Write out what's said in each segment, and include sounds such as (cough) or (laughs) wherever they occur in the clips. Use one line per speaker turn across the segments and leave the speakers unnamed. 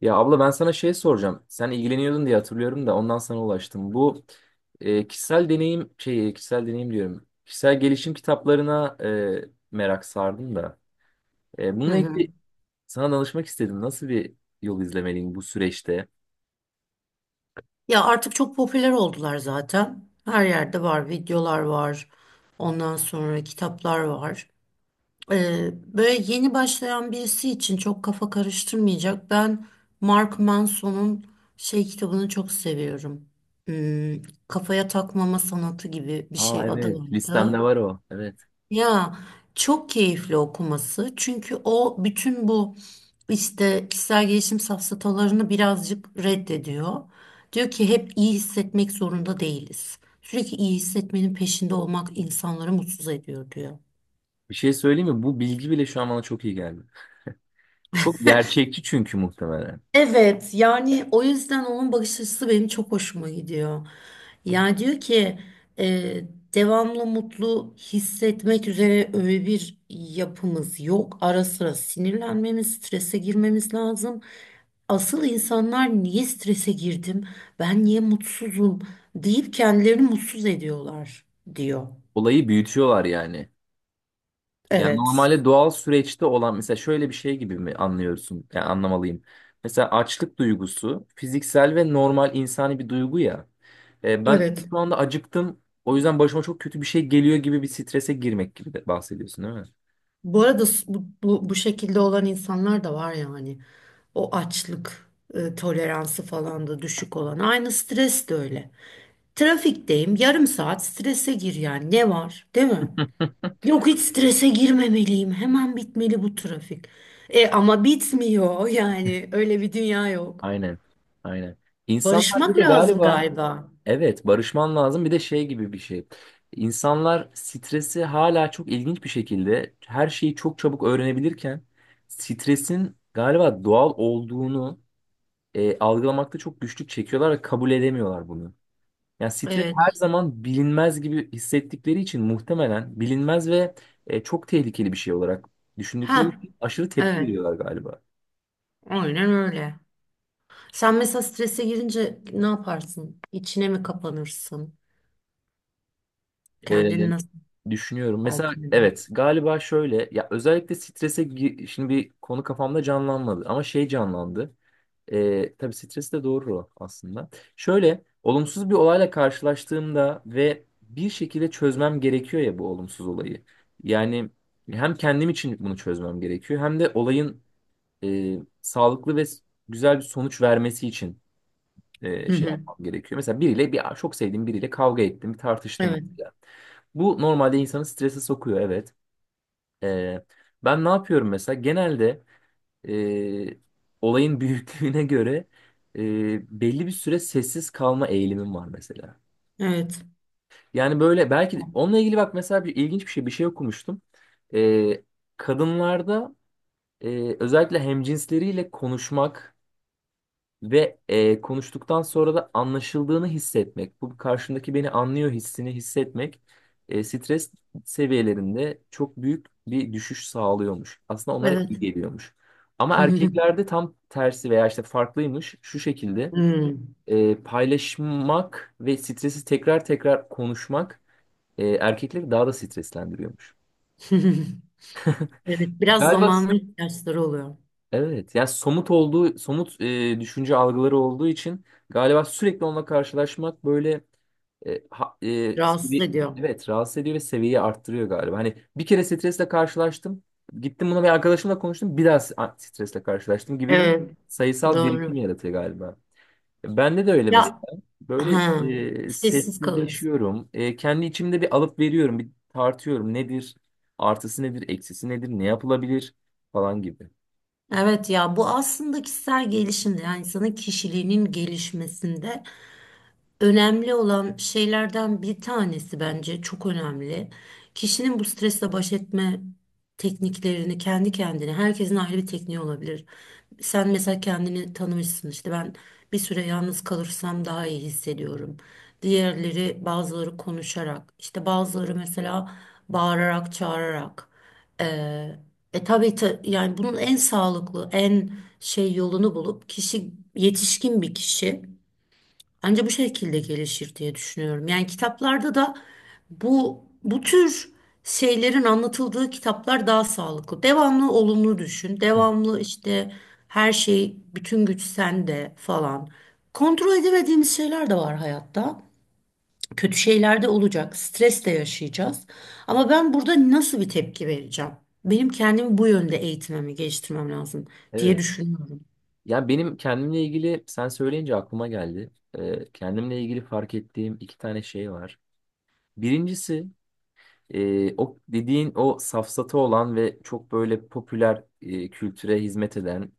Ya abla ben sana şey soracağım. Sen ilgileniyordun diye hatırlıyorum da ondan sana ulaştım. Bu kişisel deneyim diyorum. Kişisel gelişim kitaplarına merak sardım da.
Hı
Bununla
hı.
ilgili sana danışmak istedim. Nasıl bir yol izlemeliyim bu süreçte?
Ya artık çok popüler oldular zaten. Her yerde var, videolar var. Ondan sonra kitaplar var. Böyle yeni başlayan birisi için çok kafa karıştırmayacak. Ben Mark Manson'un şey kitabını çok seviyorum. Hmm, kafaya takmama sanatı gibi bir
Aa,
şey adı
evet, listemde
vardı.
var o. Evet.
Ya çok keyifli okuması. Çünkü o bütün bu işte kişisel gelişim safsatalarını birazcık reddediyor. Diyor ki hep iyi hissetmek zorunda değiliz. Sürekli iyi hissetmenin peşinde olmak insanları mutsuz ediyor diyor.
Bir şey söyleyeyim mi? Bu bilgi bile şu an bana çok iyi geldi. Çok gerçekçi, çünkü muhtemelen.
Evet, yani o yüzden onun bakış açısı benim çok hoşuma gidiyor. Yani diyor ki e, devamlı mutlu hissetmek üzere öyle bir yapımız yok. Ara sıra sinirlenmemiz, strese girmemiz lazım. Asıl insanlar niye strese girdim, ben niye mutsuzum deyip kendilerini mutsuz ediyorlar diyor.
Olayı büyütüyorlar yani. Yani
Evet,
normalde doğal süreçte olan mesela şöyle bir şey gibi mi anlıyorsun? Yani anlamalıyım. Mesela açlık duygusu fiziksel ve normal insani bir duygu ya. Ben
evet.
şu anda acıktım. O yüzden başıma çok kötü bir şey geliyor gibi bir strese girmek gibi de bahsediyorsun, değil mi?
Bu arada bu şekilde olan insanlar da var yani. O açlık toleransı falan da düşük olan. Aynı stres de öyle. Trafikteyim, yarım saat strese gir yani. Ne var, değil mi?
(laughs)
Yok, hiç strese girmemeliyim. Hemen bitmeli bu trafik. E ama bitmiyor yani. Öyle bir dünya yok.
Aynen. Aynen. İnsanlar bir
Barışmak
de
lazım
galiba,
galiba.
evet, barışman lazım, bir de şey gibi bir şey. İnsanlar stresi hala çok ilginç bir şekilde her şeyi çok çabuk öğrenebilirken stresin galiba doğal olduğunu algılamakta çok güçlük çekiyorlar ve kabul edemiyorlar bunu. Yani stres her
Evet.
zaman bilinmez gibi hissettikleri için muhtemelen bilinmez ve çok tehlikeli bir şey olarak düşündükleri
Ha,
için aşırı tepki
evet.
veriyorlar galiba.
Aynen öyle. Sen mesela strese girince ne yaparsın? İçine mi kapanırsın?
E,
Kendini nasıl
Düşünüyorum. Mesela
telkin eder?
evet, galiba şöyle ya, özellikle şimdi bir konu kafamda canlanmadı ama şey canlandı. Tabii stres de doğru o aslında. Şöyle olumsuz bir olayla karşılaştığımda ve bir şekilde çözmem gerekiyor ya bu olumsuz olayı. Yani hem kendim için bunu çözmem gerekiyor hem de olayın sağlıklı ve güzel bir sonuç vermesi için
Hı
şey
hı.
yapmam gerekiyor. Mesela bir çok sevdiğim biriyle kavga ettim, bir tartıştım.
Evet.
Yani bu normalde insanı strese sokuyor, evet. E, Ben ne yapıyorum mesela? Genelde e, olayın (laughs) büyüklüğüne göre belli bir süre sessiz kalma eğilimim var mesela.
Evet.
Yani böyle belki onunla ilgili bak mesela bir ilginç bir şey okumuştum. E, Kadınlarda özellikle hemcinsleriyle konuşmak ve konuştuktan sonra da anlaşıldığını hissetmek, bu karşımdaki beni anlıyor hissini hissetmek stres seviyelerinde çok büyük bir düşüş sağlıyormuş. Aslında onlara iyi
Evet.
geliyormuş. Ama
(laughs)
erkeklerde tam tersi veya işte farklıymış şu şekilde,
Hmm.
paylaşmak ve stresi tekrar tekrar konuşmak erkekleri daha da streslendiriyormuş.
(laughs) Evet. Biraz
Galiba.
zamanın ihtiyaçları oluyor.
Evet, yani somut düşünce algıları olduğu için galiba sürekli onunla karşılaşmak böyle. E, ha- e,
Rahatsız
sevi-
ediyor.
evet, rahatsız ediyor ve seviyeyi arttırıyor galiba. Hani bir kere stresle karşılaştım. Gittim buna bir arkadaşımla konuştum. Bir daha stresle karşılaştım gibi bir
Evet.
sayısal birikim
Doğru.
yaratıyor galiba. Bende de öyle mesela.
Ya
Böyle
ha, Sessiz kalıyorsun.
sessizleşiyorum. Kendi içimde bir alıp veriyorum. Bir tartıyorum. Nedir? Artısı nedir? Eksisi nedir? Ne yapılabilir? Falan gibi.
Evet, ya bu aslında kişisel gelişimde, yani insanın kişiliğinin gelişmesinde önemli olan şeylerden bir tanesi, bence çok önemli. Kişinin bu stresle baş etme tekniklerini kendi kendine, herkesin ayrı bir tekniği olabilir. Sen mesela kendini tanımışsın, işte ben bir süre yalnız kalırsam daha iyi hissediyorum. Diğerleri, bazıları konuşarak, işte bazıları mesela bağırarak, çağırarak. Ee, yani bunun en sağlıklı, en şey yolunu bulup kişi, yetişkin bir kişi anca bu şekilde gelişir diye düşünüyorum. Yani kitaplarda da bu tür şeylerin anlatıldığı kitaplar daha sağlıklı. Devamlı olumlu düşün.
Hı.
Devamlı işte her şey, bütün güç sende falan. Kontrol edemediğimiz şeyler de var hayatta. Kötü şeyler de olacak. Stres de yaşayacağız. Ama ben burada nasıl bir tepki vereceğim? Benim kendimi bu yönde eğitmemi, geliştirmem lazım diye
Evet.
düşünüyorum.
Ya benim kendimle ilgili sen söyleyince aklıma geldi. Kendimle ilgili fark ettiğim iki tane şey var. Birincisi, o dediğin o safsatı olan ve çok böyle popüler kültüre hizmet eden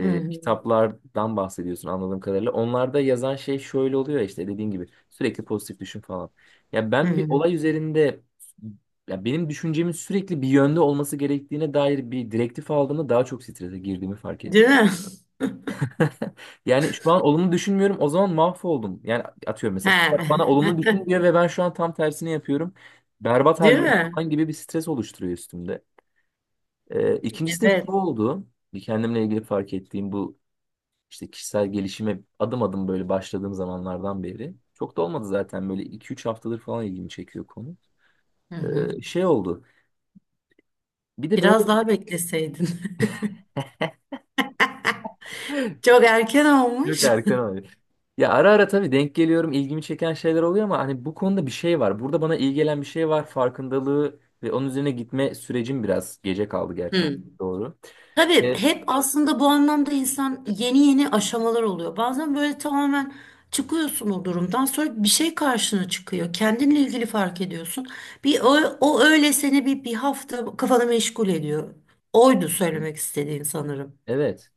Hı hı.
kitaplardan bahsediyorsun anladığım kadarıyla. Onlarda yazan şey şöyle oluyor ya, işte dediğin gibi sürekli pozitif düşün falan. Ya
Hı
ben bir
hı.
olay üzerinde, ya benim düşüncemin sürekli bir yönde olması gerektiğine dair bir direktif aldığımda daha çok strese girdiğimi fark ettim.
Değil mi?
(laughs) Yani şu an olumlu düşünmüyorum. O zaman mahvoldum. Yani atıyorum,
(laughs)
mesela kitap bana olumlu düşün
He. (laughs)
diyor ve ben şu an tam tersini yapıyorum. Berbat
Değil
haldeyim
mi?
falan gibi bir stres oluşturuyor üstümde. İkincisi de şu
Evet.
oldu. Bir kendimle ilgili fark ettiğim bu işte kişisel gelişime adım adım böyle başladığım zamanlardan beri. Çok da olmadı zaten, böyle 2-3 haftadır falan ilgimi çekiyor konu.
Hı hı.
Şey oldu. Bir de böyle
Biraz daha bekleseydin. (laughs)
(laughs)
Çok erken
çok
olmuş.
erken oldu. Ya ara ara tabii denk geliyorum, ilgimi çeken şeyler oluyor ama hani bu konuda bir şey var. Burada bana iyi gelen bir şey var. Farkındalığı ve onun üzerine gitme sürecim biraz gece kaldı gerçekten.
Hı.
Doğru.
Tabii
E,
hep aslında bu anlamda insan, yeni yeni aşamalar oluyor. Bazen böyle tamamen çıkıyorsun o durumdan, sonra bir şey karşına çıkıyor. Kendinle ilgili fark ediyorsun. Bir o, O öyle seni bir hafta kafanı meşgul ediyor. Oydu söylemek istediğin sanırım.
Evet,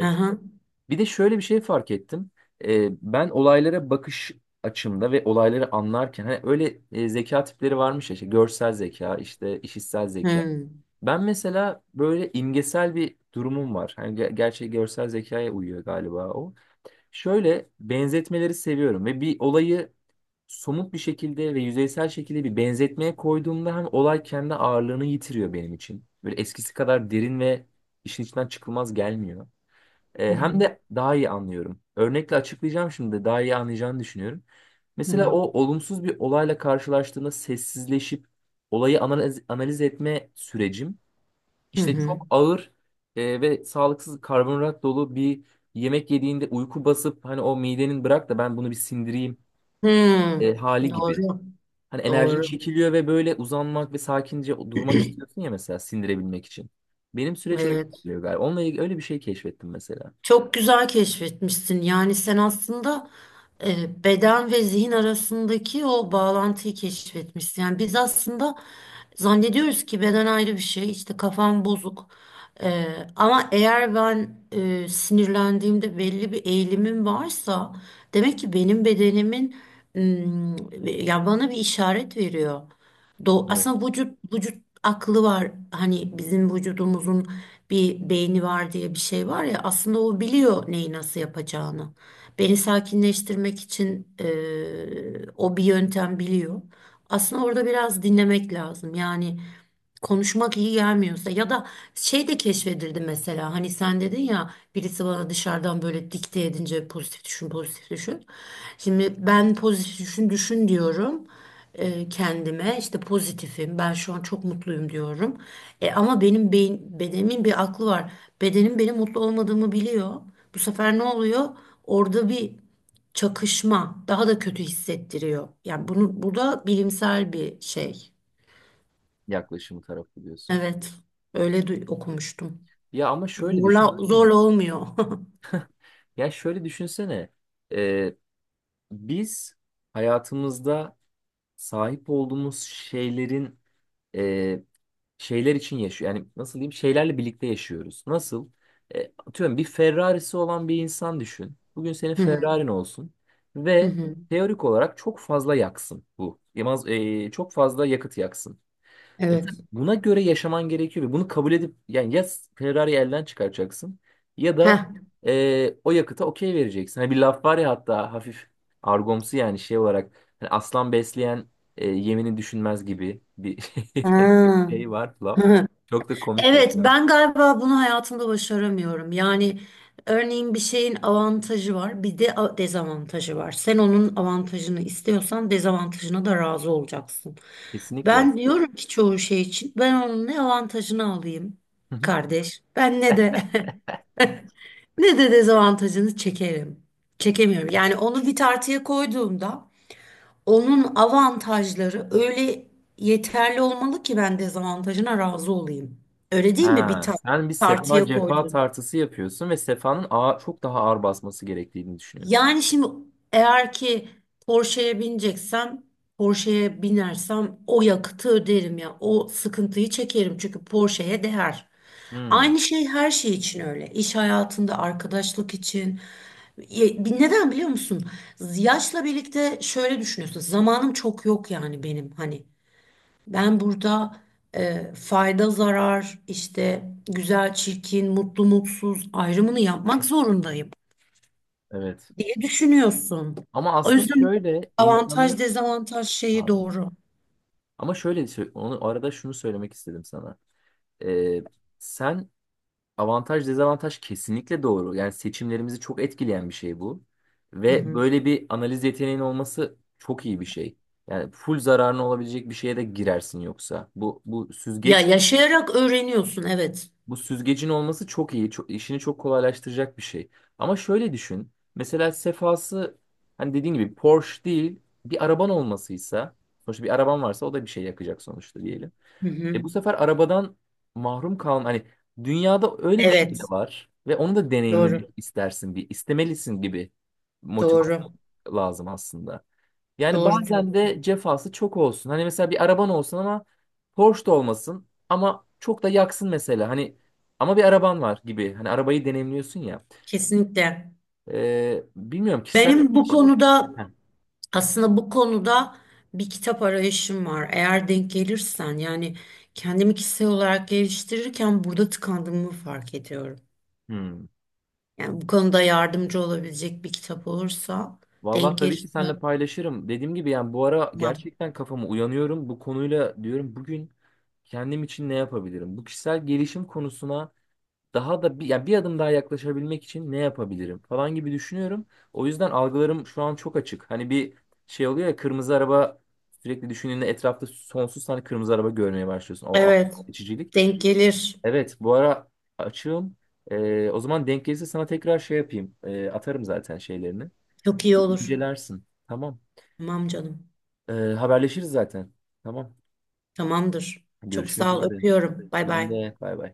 Hı hı.
Bir de şöyle bir şey fark ettim. Ben olaylara bakış açımda ve olayları anlarken hani öyle zeka tipleri varmış ya, işte görsel zeka, işte işitsel
Hı
zeka.
hı.
Ben mesela böyle imgesel bir durumum var. Hani gerçi görsel zekaya uyuyor galiba o. Şöyle benzetmeleri seviyorum ve bir olayı somut bir şekilde ve yüzeysel şekilde bir benzetmeye koyduğumda hem olay kendi ağırlığını yitiriyor benim için. Böyle eskisi kadar derin ve işin içinden çıkılmaz gelmiyor. Hem
Hı
de daha iyi anlıyorum. Örnekle açıklayacağım, şimdi daha iyi anlayacağını düşünüyorum. Mesela
hı.
o olumsuz bir olayla karşılaştığında sessizleşip olayı analiz etme sürecim
Hı
işte
hı.
çok ağır ve sağlıksız karbonhidrat dolu bir yemek yediğinde uyku basıp hani o midenin bırak da ben bunu bir sindireyim
Hı.
hali gibi.
Doğru.
Hani enerjin
Doğru.
çekiliyor ve böyle uzanmak ve sakince durmak
(clears throat)
istiyorsun ya, mesela sindirebilmek için. Benim süreç öyle
Evet.
ilerliyor galiba. Onunla ilgili öyle bir şey keşfettim mesela.
Çok güzel keşfetmişsin. Yani sen aslında beden ve zihin arasındaki o bağlantıyı keşfetmişsin. Yani biz aslında zannediyoruz ki beden ayrı bir şey, işte kafam bozuk. E, Ama eğer ben sinirlendiğimde belli bir eğilimim varsa, demek ki benim bedenimin mm, ya bana bir işaret veriyor.
Evet.
Aslında vücut aklı var. Hani bizim vücudumuzun bir beyni var diye bir şey var ya, aslında o biliyor neyi nasıl yapacağını. Beni sakinleştirmek için o bir yöntem biliyor. Aslında orada biraz dinlemek lazım. Yani konuşmak iyi gelmiyorsa, ya da şey de keşfedildi mesela, hani sen dedin ya birisi bana dışarıdan böyle dikte edince, pozitif düşün pozitif düşün. Şimdi ben pozitif düşün diyorum kendime, işte pozitifim ben, şu an çok mutluyum diyorum. Ama benim beyin, bedenimin bir aklı var. Bedenim benim mutlu olmadığımı biliyor. Bu sefer ne oluyor? Orada bir çakışma daha da kötü hissettiriyor. Yani bunu, bu da bilimsel bir şey.
Yaklaşımı tarafı diyorsun.
Evet, okumuştum.
Ya ama şöyle
Zorla,
düşünsene.
zorla olmuyor. (laughs)
Ya şöyle düşünsene. E, Biz hayatımızda sahip olduğumuz şeylerin e, şeyler için yaşıyor. Yani nasıl diyeyim? Şeylerle birlikte yaşıyoruz. Nasıl? Atıyorum, bir Ferrari'si olan bir insan düşün. Bugün senin
Hı hı,
Ferrari'n olsun
hı
ve
hı.
teorik olarak çok fazla yaksın bu. Yamaz, çok fazla yakıt yaksın. Evet,
Evet.
buna göre yaşaman gerekiyor ve bunu kabul edip, yani ya Ferrari'yi elden çıkaracaksın ya da
Heh.
o yakıta okey vereceksin. Hani bir laf var ya, hatta hafif argomsu yani, şey olarak, hani aslan besleyen yemini düşünmez gibi bir (laughs)
Ha.
şey var laf.
(laughs)
Çok da komik
Evet,
geliyor.
ben galiba bunu hayatımda başaramıyorum. Yani örneğin bir şeyin avantajı var, bir de dezavantajı var. Sen onun avantajını istiyorsan dezavantajına da razı olacaksın.
Kesinlikle.
Ben diyorum ki çoğu şey için ben onun ne avantajını alayım
Hı hı.
kardeş, ben ne de (laughs) ne de dezavantajını çekerim. Çekemiyorum. Yani onu bir tartıya koyduğumda onun avantajları öyle yeterli olmalı ki ben dezavantajına razı olayım. Öyle değil mi,
Ha, sen bir sefa
tartıya
cefa
koyduğum?
tartısı yapıyorsun ve sefanın ağır, çok daha ağır basması gerektiğini düşünüyorsun.
Yani şimdi eğer ki Porsche'ye bineceksem, Porsche'ye binersem o yakıtı öderim ya, o sıkıntıyı çekerim çünkü Porsche'ye değer.
Hmm,
Aynı şey her şey için öyle. İş hayatında, arkadaşlık için. Neden biliyor musun? Yaşla birlikte şöyle düşünüyorsun. Zamanım çok yok yani benim, hani. Ben burada fayda zarar, işte güzel çirkin, mutlu mutsuz ayrımını yapmak zorundayım
evet.
diye düşünüyorsun.
Ama
O
aslında
yüzden
şöyle
avantaj
insanı
dezavantaj şeyi doğru.
Ama şöyle onu arada şunu söylemek istedim sana. Ee, Sen, avantaj dezavantaj, kesinlikle doğru. Yani seçimlerimizi çok etkileyen bir şey bu.
Hı
Ve
hı.
böyle bir analiz yeteneğin olması çok iyi bir şey. Yani full zararına olabilecek bir şeye de girersin yoksa. Bu bu
Ya
süzgeç
yaşayarak öğreniyorsun, evet.
bu süzgecin olması çok iyi. Çok, işini çok kolaylaştıracak bir şey. Ama şöyle düşün. Mesela sefası, hani dediğin gibi Porsche değil bir araban olmasıysa, sonuçta bir araban varsa o da bir şey yakacak sonuçta diyelim.
Hı hı.
Bu sefer arabadan mahrum kalma. Hani dünyada öyle bir şey de
Evet,
var ve onu da
doğru
deneyimlemek istersin, bir istemelisin gibi motivasyon
doğru
lazım aslında. Yani
doğru
bazen
diyorsun.
de cefası çok olsun. Hani mesela bir araban olsun ama Porsche da olmasın, ama çok da yaksın mesela. Hani ama bir araban var gibi. Hani arabayı deneyimliyorsun ya.
Kesinlikle.
Bilmiyorum, kişisel
Benim
bir
bu
şey.
konuda
Heh.
Aslında bu konuda bir kitap arayışım var. Eğer denk gelirsen, yani kendimi kişisel olarak geliştirirken burada tıkandığımı fark ediyorum.
Hmm.
Yani bu konuda yardımcı olabilecek bir kitap olursa,
Vallahi
denk
tabii
gelirse,
ki seninle paylaşırım. Dediğim gibi yani bu ara
tamam.
gerçekten kafamı uyanıyorum. Bu konuyla diyorum, bugün kendim için ne yapabilirim? Bu kişisel gelişim konusuna daha da bir adım daha yaklaşabilmek için ne yapabilirim falan gibi düşünüyorum. O yüzden algılarım şu an çok açık. Hani bir şey oluyor ya, kırmızı araba sürekli düşündüğünde etrafta sonsuz tane kırmızı araba görmeye başlıyorsun. O akıl
Evet,
seçicilik.
denk gelir.
Evet, bu ara açığım. O zaman denk gelirse sana tekrar şey yapayım. Atarım zaten şeylerini.
Çok iyi olur.
İncelersin. Tamam.
Tamam canım.
Haberleşiriz zaten. Tamam.
Tamamdır. Çok
Görüşmek
sağ ol.
üzere.
Öpüyorum. Bay
Ben
bay.
de bay bay.